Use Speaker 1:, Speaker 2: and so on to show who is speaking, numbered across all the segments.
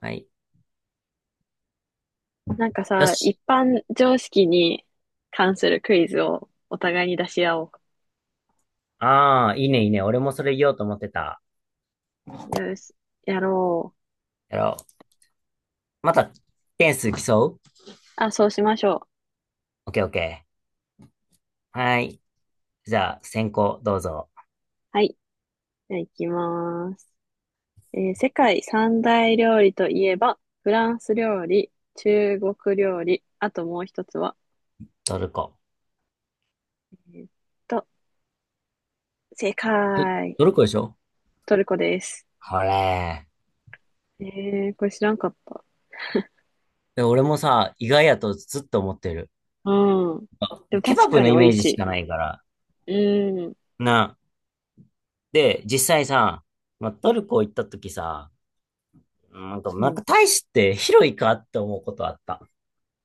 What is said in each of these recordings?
Speaker 1: はい。
Speaker 2: なんか
Speaker 1: よ
Speaker 2: さ、
Speaker 1: し。
Speaker 2: 一般常識に関するクイズをお互いに出し合お
Speaker 1: ああ、いいね、いいね。俺もそれ言おうと思ってた。
Speaker 2: う。よし、やろう。
Speaker 1: やろう。また、点数競う。
Speaker 2: あ、そうしましょう。
Speaker 1: オッケーオッケー。はい。じゃあ、先行、どうぞ。
Speaker 2: はい。じゃあ行きます。世界三大料理といえば、フランス料理、中国料理、あともう一つは、
Speaker 1: トルコ。
Speaker 2: えーっと、正
Speaker 1: ど、
Speaker 2: 解。
Speaker 1: トルコでしょ
Speaker 2: トルコです。
Speaker 1: これ。
Speaker 2: えー、これ知らんかった。
Speaker 1: で俺もさ、意外やとずっと思ってる。
Speaker 2: うん。でも
Speaker 1: ケバ
Speaker 2: 確
Speaker 1: ブ
Speaker 2: か
Speaker 1: の
Speaker 2: に
Speaker 1: イ
Speaker 2: 美
Speaker 1: メ
Speaker 2: 味
Speaker 1: ージし
Speaker 2: し
Speaker 1: かないから。
Speaker 2: い。うん。
Speaker 1: な。で、実際さ、まあ、トルコ行った時さ、
Speaker 2: う
Speaker 1: なん
Speaker 2: ん。
Speaker 1: か大して広いかって思うことあった。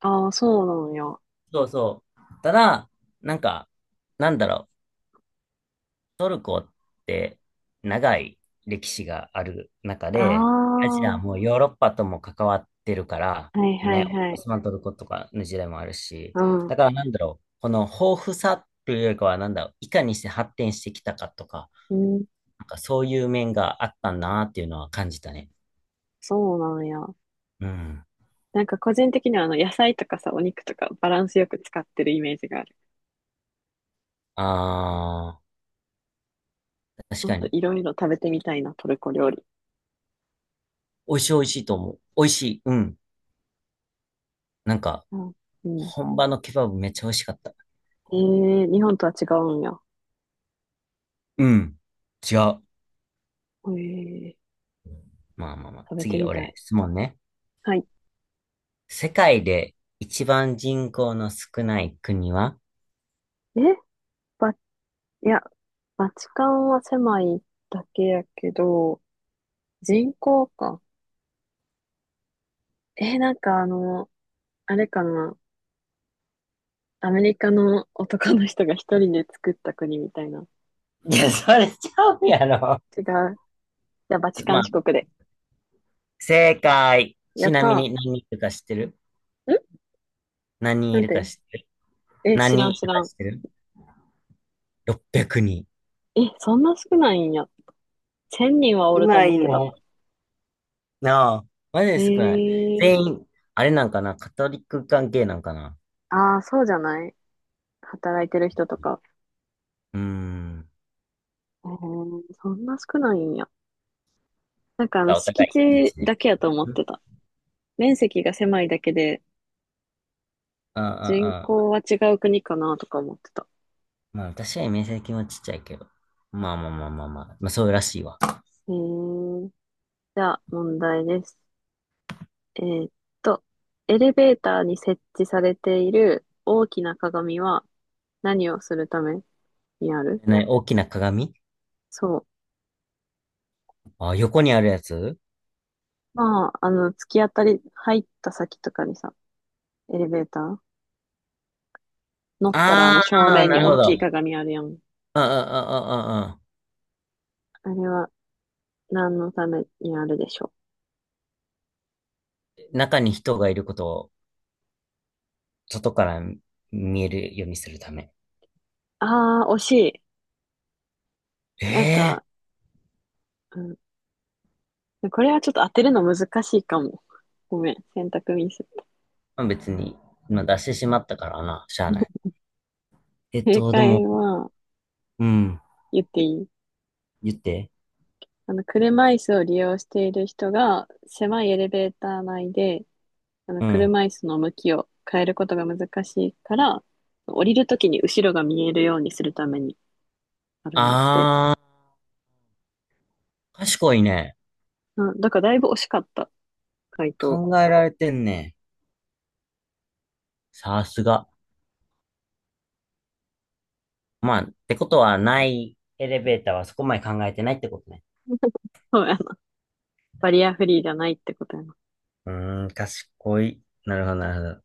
Speaker 2: ああ、そうなのよ。
Speaker 1: そうそう。ただ、なんか、なんだろう。って長い歴史がある中
Speaker 2: あ
Speaker 1: で、アジ
Speaker 2: あ、
Speaker 1: ア
Speaker 2: は
Speaker 1: もヨーロッパとも関わってるから、
Speaker 2: いは
Speaker 1: ね、
Speaker 2: いは
Speaker 1: オ
Speaker 2: い。
Speaker 1: スマントルコとかの時代もあるし、
Speaker 2: ああ、
Speaker 1: だからなんだろう、この豊富さというよりかは、なんだろう、いかにして発展してきたかとか、
Speaker 2: うん、
Speaker 1: なんかそういう面があったなっていうのは感じたね。
Speaker 2: そうなんや。
Speaker 1: うん。
Speaker 2: なんか個人的には野菜とかさ、お肉とかバランスよく使ってるイメージがある。
Speaker 1: ああ、確
Speaker 2: もっ
Speaker 1: か
Speaker 2: と
Speaker 1: に。
Speaker 2: いろいろ食べてみたいな、トルコ料理。
Speaker 1: 美味しい美味しいと思う。美味しい。うん。なんか、
Speaker 2: うん。うん。
Speaker 1: 本場のケバブめっちゃ美味しかった。
Speaker 2: ええ、日本とは違うんや。
Speaker 1: うん。違う。
Speaker 2: ええ、
Speaker 1: まあまあまあ。
Speaker 2: 食べて
Speaker 1: 次、
Speaker 2: みた
Speaker 1: 俺、
Speaker 2: い。
Speaker 1: 質問ね。
Speaker 2: はい。
Speaker 1: 世界で一番人口の少ない国は？
Speaker 2: えいや、バチカンは狭いだけやけど、人口か。なんかあれかな。アメリカの男の人が一人で作った国みたいな。
Speaker 1: いや、それちゃうやろ。
Speaker 2: 違う。じゃあ、バチカ
Speaker 1: まあ、
Speaker 2: ン四国で。
Speaker 1: 正解。
Speaker 2: や
Speaker 1: ち
Speaker 2: っ
Speaker 1: なみ
Speaker 2: た
Speaker 1: に何人いるか知ってる？
Speaker 2: ー。ん
Speaker 1: 何人
Speaker 2: な
Speaker 1: い
Speaker 2: ん
Speaker 1: るか
Speaker 2: て
Speaker 1: 知ってる？
Speaker 2: え、
Speaker 1: 何
Speaker 2: 知ら
Speaker 1: 人
Speaker 2: ん
Speaker 1: い
Speaker 2: 知
Speaker 1: る
Speaker 2: ら
Speaker 1: か
Speaker 2: ん。
Speaker 1: 知ってる？ 600 人。
Speaker 2: え、そんな少ないんや。千人はお
Speaker 1: 少
Speaker 2: ると
Speaker 1: な
Speaker 2: 思っ
Speaker 1: い
Speaker 2: て
Speaker 1: ね。
Speaker 2: た。
Speaker 1: なあ、マジ
Speaker 2: え
Speaker 1: で少ない。
Speaker 2: えー、
Speaker 1: 全員、あれなんかな、カトリック関係なんかな。
Speaker 2: ああー、そうじゃない、働いてる人とか。
Speaker 1: うーん。
Speaker 2: えー、そんな少ないんや。なんか
Speaker 1: じゃあ、お
Speaker 2: 敷
Speaker 1: 互いいちい
Speaker 2: 地
Speaker 1: ちね。
Speaker 2: だけやと思っ
Speaker 1: ん、
Speaker 2: てた。面積が狭いだけで、
Speaker 1: あ
Speaker 2: 人
Speaker 1: あ、あ
Speaker 2: 口
Speaker 1: あ。
Speaker 2: は違う国かなとか思ってた。
Speaker 1: まあ、私は面積もちっちゃいけど。まあまあまあまあまあ。まあ、そうらしいわ。
Speaker 2: えー、じゃあ、問題です。えーっと、エレベーターに設置されている大きな鏡は何をするためにある？
Speaker 1: ね、大きな鏡？
Speaker 2: そう。
Speaker 1: あ、横にあるやつ？
Speaker 2: まあ、突き当たり、入った先とかにさ、エレベーター乗ったら、
Speaker 1: あ
Speaker 2: 正
Speaker 1: あー、
Speaker 2: 面
Speaker 1: な
Speaker 2: に
Speaker 1: る
Speaker 2: 大
Speaker 1: ほど。
Speaker 2: きい鏡あるやん。
Speaker 1: ああ、ああ、ああ。
Speaker 2: あれは、何のためにあるでしょ
Speaker 1: 中に人がいることを外から見えるようにするため。
Speaker 2: う？ああ、惜しい。なん
Speaker 1: ええ。
Speaker 2: か、うん、これはちょっと当てるの難しいかも。ごめん、選択ミス。
Speaker 1: まあ、別に、まあ、出してしまったからな、しゃあない。
Speaker 2: 正
Speaker 1: で
Speaker 2: 解
Speaker 1: も、
Speaker 2: は、
Speaker 1: うん、
Speaker 2: 言っていい？
Speaker 1: 言って。
Speaker 2: 車椅子を利用している人が、狭いエレベーター内で、
Speaker 1: うん。
Speaker 2: 車椅子の向きを変えることが難しいから、降りるときに後ろが見えるようにするためにあるねって。
Speaker 1: ああ、賢いね。
Speaker 2: うん、だからだいぶ惜しかった、回答。
Speaker 1: 考えられてんね。さすが。まあ、ってことはない、エレベーターはそこまで考えてないってことね。
Speaker 2: そう、バリアフリーじゃないって答えます。
Speaker 1: うーん、賢い。なるほど、なる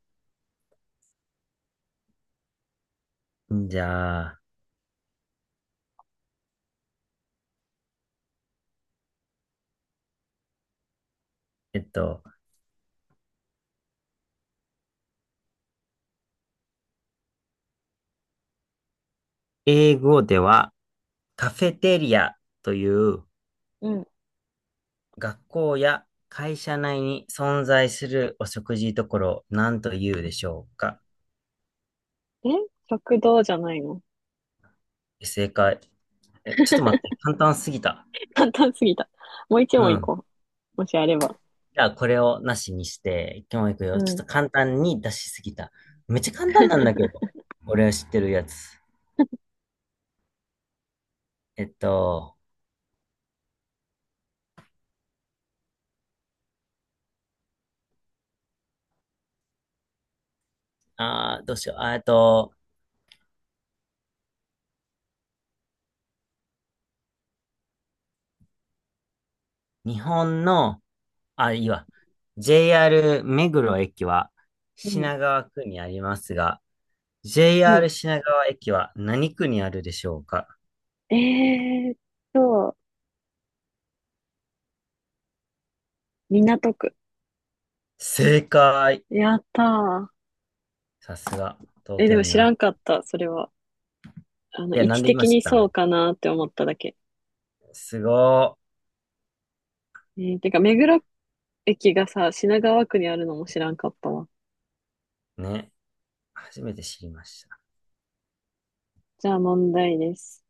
Speaker 1: ほど。じゃあ、えっと、英語ではカフェテリアという
Speaker 2: うん。
Speaker 1: 学校や会社内に存在するお食事処を何と言うでしょうか？
Speaker 2: え、食堂じゃないの？
Speaker 1: 正解。え、ちょっと待って、簡単すぎた。
Speaker 2: 簡単すぎた。もう一
Speaker 1: う
Speaker 2: 問い
Speaker 1: ん。
Speaker 2: こう。もしあれば。
Speaker 1: じゃあこれをなしにして、今日行く
Speaker 2: う
Speaker 1: よ。ちょっ
Speaker 2: ん。
Speaker 1: と簡単に出しすぎた。めっちゃ簡単なんだけ ど。俺は知ってるやつ。えっと、どうしよう。日本の、あ、いいわ。JR 目黒駅は
Speaker 2: うん。
Speaker 1: 品川区にありますが、
Speaker 2: う
Speaker 1: JR
Speaker 2: ん。
Speaker 1: 品川駅は何区にあるでしょうか？
Speaker 2: えーっと、港区。
Speaker 1: 正解。
Speaker 2: やった
Speaker 1: さすが、
Speaker 2: ー。
Speaker 1: 東
Speaker 2: え、で
Speaker 1: 京
Speaker 2: も
Speaker 1: に
Speaker 2: 知ら
Speaker 1: な。
Speaker 2: んかった、それは。
Speaker 1: いや、
Speaker 2: 位
Speaker 1: なん
Speaker 2: 置
Speaker 1: で言いま
Speaker 2: 的
Speaker 1: し
Speaker 2: にそ
Speaker 1: た？
Speaker 2: うかなって思っただけ。
Speaker 1: すご
Speaker 2: てか、目黒駅がさ、品川区にあるのも知らんかったわ。
Speaker 1: ー。ね。初めて知りました。
Speaker 2: じゃあ問題です。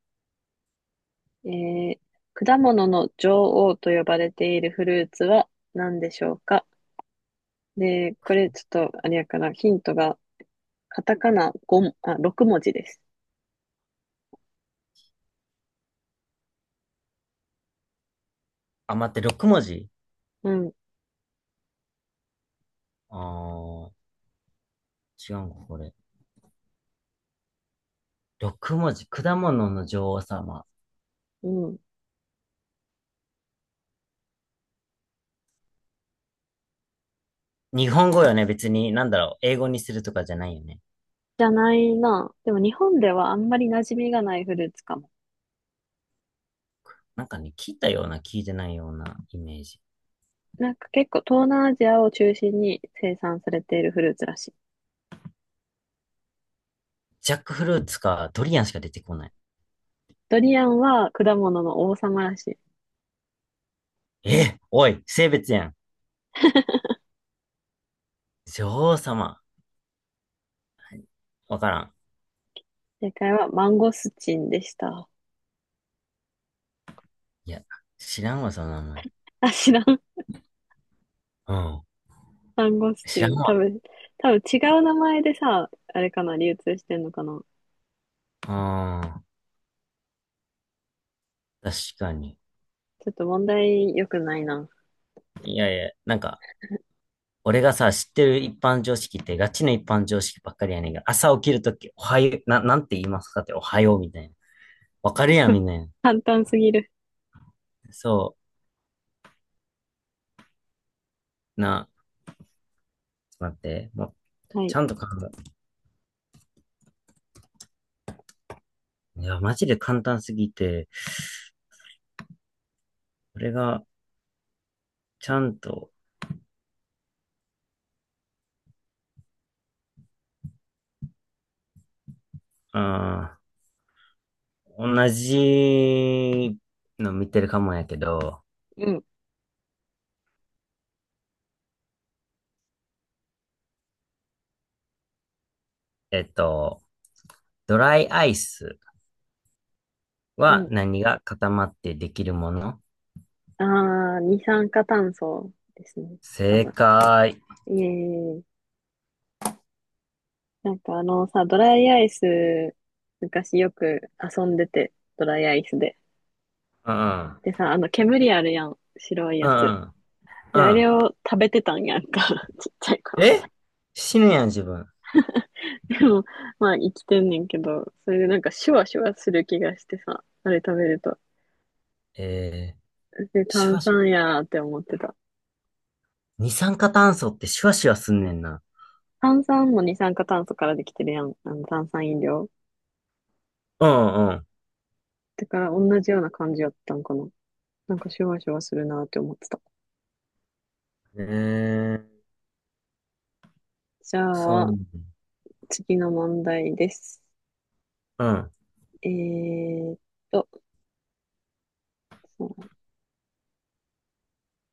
Speaker 2: えー、果物の女王と呼ばれているフルーツは何でしょうか？で、これちょっと、あれやから、ヒントが、カタカナ5も、あ、6文字です。
Speaker 1: あ、待って、6文字？
Speaker 2: うん、
Speaker 1: あー、違うんか、これ。6文字。果物の女王様。
Speaker 2: うん。
Speaker 1: 日本語よね、別に。なんだろう。英語にするとかじゃないよね。
Speaker 2: じゃないな。でも日本ではあんまり馴染みがないフルーツかも。
Speaker 1: なんかね、聞いたような、聞いてないようなイメージ。
Speaker 2: なんか結構東南アジアを中心に生産されているフルーツらしい。
Speaker 1: ジャックフルーツか、ドリアンしか出てこない。
Speaker 2: ドリアンは果物の王様らしい。
Speaker 1: え、おい、性別やん。女王様。わからん。
Speaker 2: 正解はマンゴスチンでした。
Speaker 1: いや、知らんわ、その名前。
Speaker 2: あ、知らん、
Speaker 1: うん。
Speaker 2: サンゴス
Speaker 1: 知
Speaker 2: チ
Speaker 1: らん
Speaker 2: ン。多
Speaker 1: わ。
Speaker 2: 分、多分違う名前でさ、あれかな、流通してんのかな。
Speaker 1: うん、確かに。
Speaker 2: ちょっと問題良くないな。
Speaker 1: いやいや、なんか、俺がさ、知ってる一般常識って、ガチの一般常識ばっかりやねんが、朝起きるとき、おはよう、なんて言いますかって、おはようみたいな。わかるやん、みんな。
Speaker 2: 簡単すぎる。
Speaker 1: そう、な、ちょっと待って、もう、
Speaker 2: は
Speaker 1: ち
Speaker 2: い。
Speaker 1: ゃんと考え、いや、マジで簡単すぎて、俺が、ちゃんと、あ同じの見てるかもやけど、
Speaker 2: うん、
Speaker 1: えっと、ドライアイス。
Speaker 2: う
Speaker 1: は
Speaker 2: ん。
Speaker 1: 何が固まってできるもの？
Speaker 2: あー、二酸化炭素ですね。多
Speaker 1: 正
Speaker 2: 分。
Speaker 1: 解。
Speaker 2: えー、なんかあのさ、ドライアイス、昔よく遊んでて、ドライアイスで。
Speaker 1: うん、うん、
Speaker 2: でさ、あの煙あるやん。白い
Speaker 1: う
Speaker 2: やつ。
Speaker 1: ん、う
Speaker 2: で、あ
Speaker 1: ん。
Speaker 2: れを食べてたんやんか。ちっちゃい頃。
Speaker 1: え、死ぬやん、自分。
Speaker 2: でも、まあ生きてんねんけど、それでなんかシュワシュワする気がしてさ、あれ食べると。
Speaker 1: えー、
Speaker 2: で、
Speaker 1: シュ
Speaker 2: 炭
Speaker 1: ワシュワ。
Speaker 2: 酸やーって思ってた。
Speaker 1: 二酸化炭素ってシュワシュワすんねんな。
Speaker 2: 炭酸も二酸化炭素からできてるやん。あの炭酸飲料。
Speaker 1: うん、う
Speaker 2: だから同じような感じやったんかな。なんかシュワシュワするなーって思ってた。
Speaker 1: ん。えー、
Speaker 2: じ
Speaker 1: そ
Speaker 2: ゃあ、
Speaker 1: う。
Speaker 2: 次の問題です。
Speaker 1: うん、
Speaker 2: えーっと、そうだね、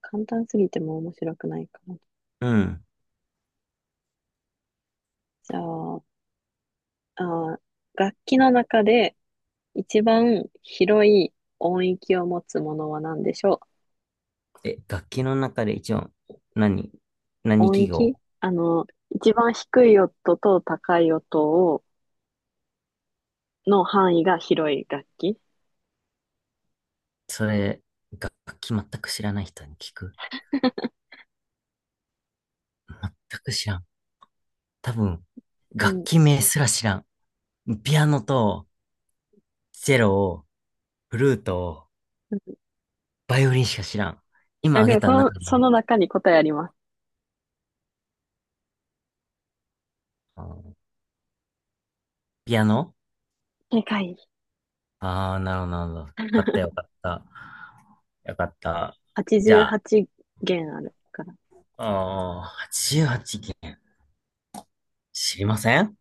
Speaker 2: 簡単すぎても面白くないかな。
Speaker 1: うん。
Speaker 2: じゃあ、あー、楽器の中で一番広い音域を持つものは何でしょう？
Speaker 1: え、楽器の中で一番、何何
Speaker 2: 音
Speaker 1: 記
Speaker 2: 域、
Speaker 1: 号？
Speaker 2: 一番低い音と高い音を、の範囲が広い楽器。
Speaker 1: それ、楽器全く知らない人に聞く？全く知らん。多分、
Speaker 2: う
Speaker 1: 楽
Speaker 2: ん。
Speaker 1: 器名すら知らん。ピアノと、チェロを、フルート、バイオリンしか知らん。今
Speaker 2: あ、で
Speaker 1: 挙げ
Speaker 2: もそ
Speaker 1: た
Speaker 2: の、
Speaker 1: 中
Speaker 2: そ
Speaker 1: に、
Speaker 2: の中に答えあります。
Speaker 1: あーピアノ。
Speaker 2: 正解。
Speaker 1: ああー、なるほど、なるほど。よかった、よか った。よかった。じゃあ、
Speaker 2: 88弦あるから。
Speaker 1: 88件。知りません。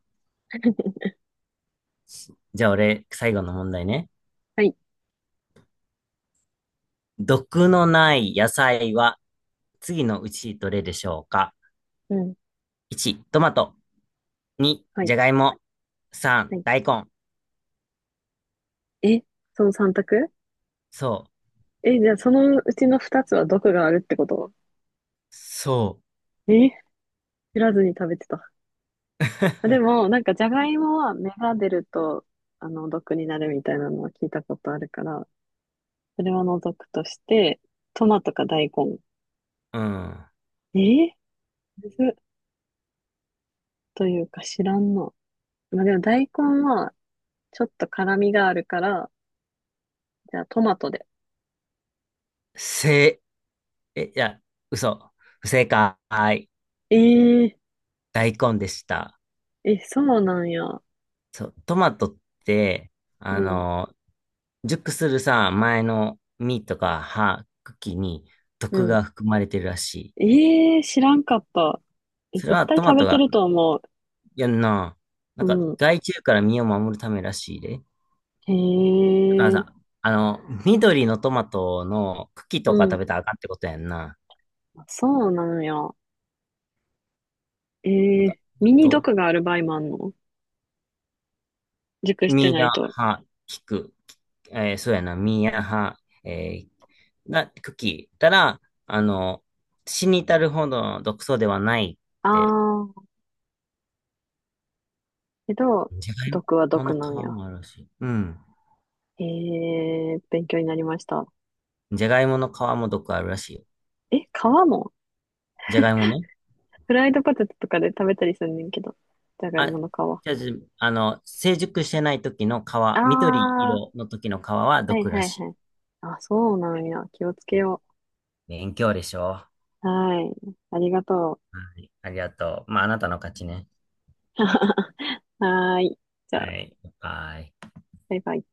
Speaker 1: じゃあ俺、最後の問題ね。
Speaker 2: はい。
Speaker 1: 毒のない野菜は次のうちどれでしょうか？
Speaker 2: うん。
Speaker 1: 1、トマト。2、
Speaker 2: はい。
Speaker 1: じゃがいも。3、
Speaker 2: はい。
Speaker 1: 大根。
Speaker 2: え、その3択？
Speaker 1: そう。
Speaker 2: え、じゃあそのうちの2つは毒があるってこと？
Speaker 1: そ
Speaker 2: え、知らずに食べてた。
Speaker 1: う。
Speaker 2: あ、で も、なんかじゃがいもは芽が出ると、毒になるみたいなのは聞いたことあるから、それは除くとして、トマトか大根。
Speaker 1: うん。
Speaker 2: えー、むずっというか知らんな。まあ、でも大根はちょっと辛みがあるから、じゃあトマトで。
Speaker 1: 正え、いや、嘘。不正解。
Speaker 2: えー、
Speaker 1: 大根でした。
Speaker 2: え、そうなんや。う
Speaker 1: そう、トマトって、あ
Speaker 2: ん、
Speaker 1: の、熟するさ、前の実とか葉、茎に
Speaker 2: う
Speaker 1: 毒
Speaker 2: ん。
Speaker 1: が含まれてるらしい。
Speaker 2: えー、知らんかった。え、
Speaker 1: それ
Speaker 2: 絶
Speaker 1: は
Speaker 2: 対
Speaker 1: トマ
Speaker 2: 食
Speaker 1: ト
Speaker 2: べて
Speaker 1: が、
Speaker 2: ると思
Speaker 1: いやんな、な
Speaker 2: う。う
Speaker 1: んか
Speaker 2: ん。
Speaker 1: 害虫から身を守るためらしいで。だ
Speaker 2: へ
Speaker 1: から
Speaker 2: え、
Speaker 1: さ、あの、緑のトマトの茎
Speaker 2: う
Speaker 1: とか
Speaker 2: ん。
Speaker 1: 食べたらあかんってことやんな。
Speaker 2: あ、そうなんや。え
Speaker 1: なんか、
Speaker 2: ー、ミ
Speaker 1: あ
Speaker 2: ニ
Speaker 1: と、
Speaker 2: 毒がある場合もあんの？熟して
Speaker 1: ミ
Speaker 2: な
Speaker 1: ヤ
Speaker 2: いと？
Speaker 1: ハ、キク、そうやな、ミヤハ、えー、な、クキたら、あの、死に至るほどの毒素ではない
Speaker 2: あ
Speaker 1: って、
Speaker 2: ー、けど、
Speaker 1: じゃがい
Speaker 2: 毒は
Speaker 1: もの
Speaker 2: 毒な
Speaker 1: 皮
Speaker 2: んや。
Speaker 1: もあるらしい。うん。
Speaker 2: えー、勉強になりました。
Speaker 1: じゃがいもの皮も毒あるらしいよ。
Speaker 2: え、皮も？
Speaker 1: じゃがいもね。
Speaker 2: フライドポテトとかで食べたりすんねんけど、じゃがい
Speaker 1: あ、
Speaker 2: もの皮。あ
Speaker 1: じゃあ、じあの、成熟してない時の皮、
Speaker 2: あ、
Speaker 1: 緑
Speaker 2: は
Speaker 1: 色の時の皮は
Speaker 2: いは
Speaker 1: 毒ら
Speaker 2: い
Speaker 1: しい。
Speaker 2: はい。あ、そうなんや。気をつけよ
Speaker 1: 勉強でしょ。は
Speaker 2: う。はい。ありがとう。
Speaker 1: い、ありがとう。まあ、あなたの勝ちね。
Speaker 2: はーい。じゃ
Speaker 1: は
Speaker 2: あ、
Speaker 1: い、バイ。
Speaker 2: バイバイ。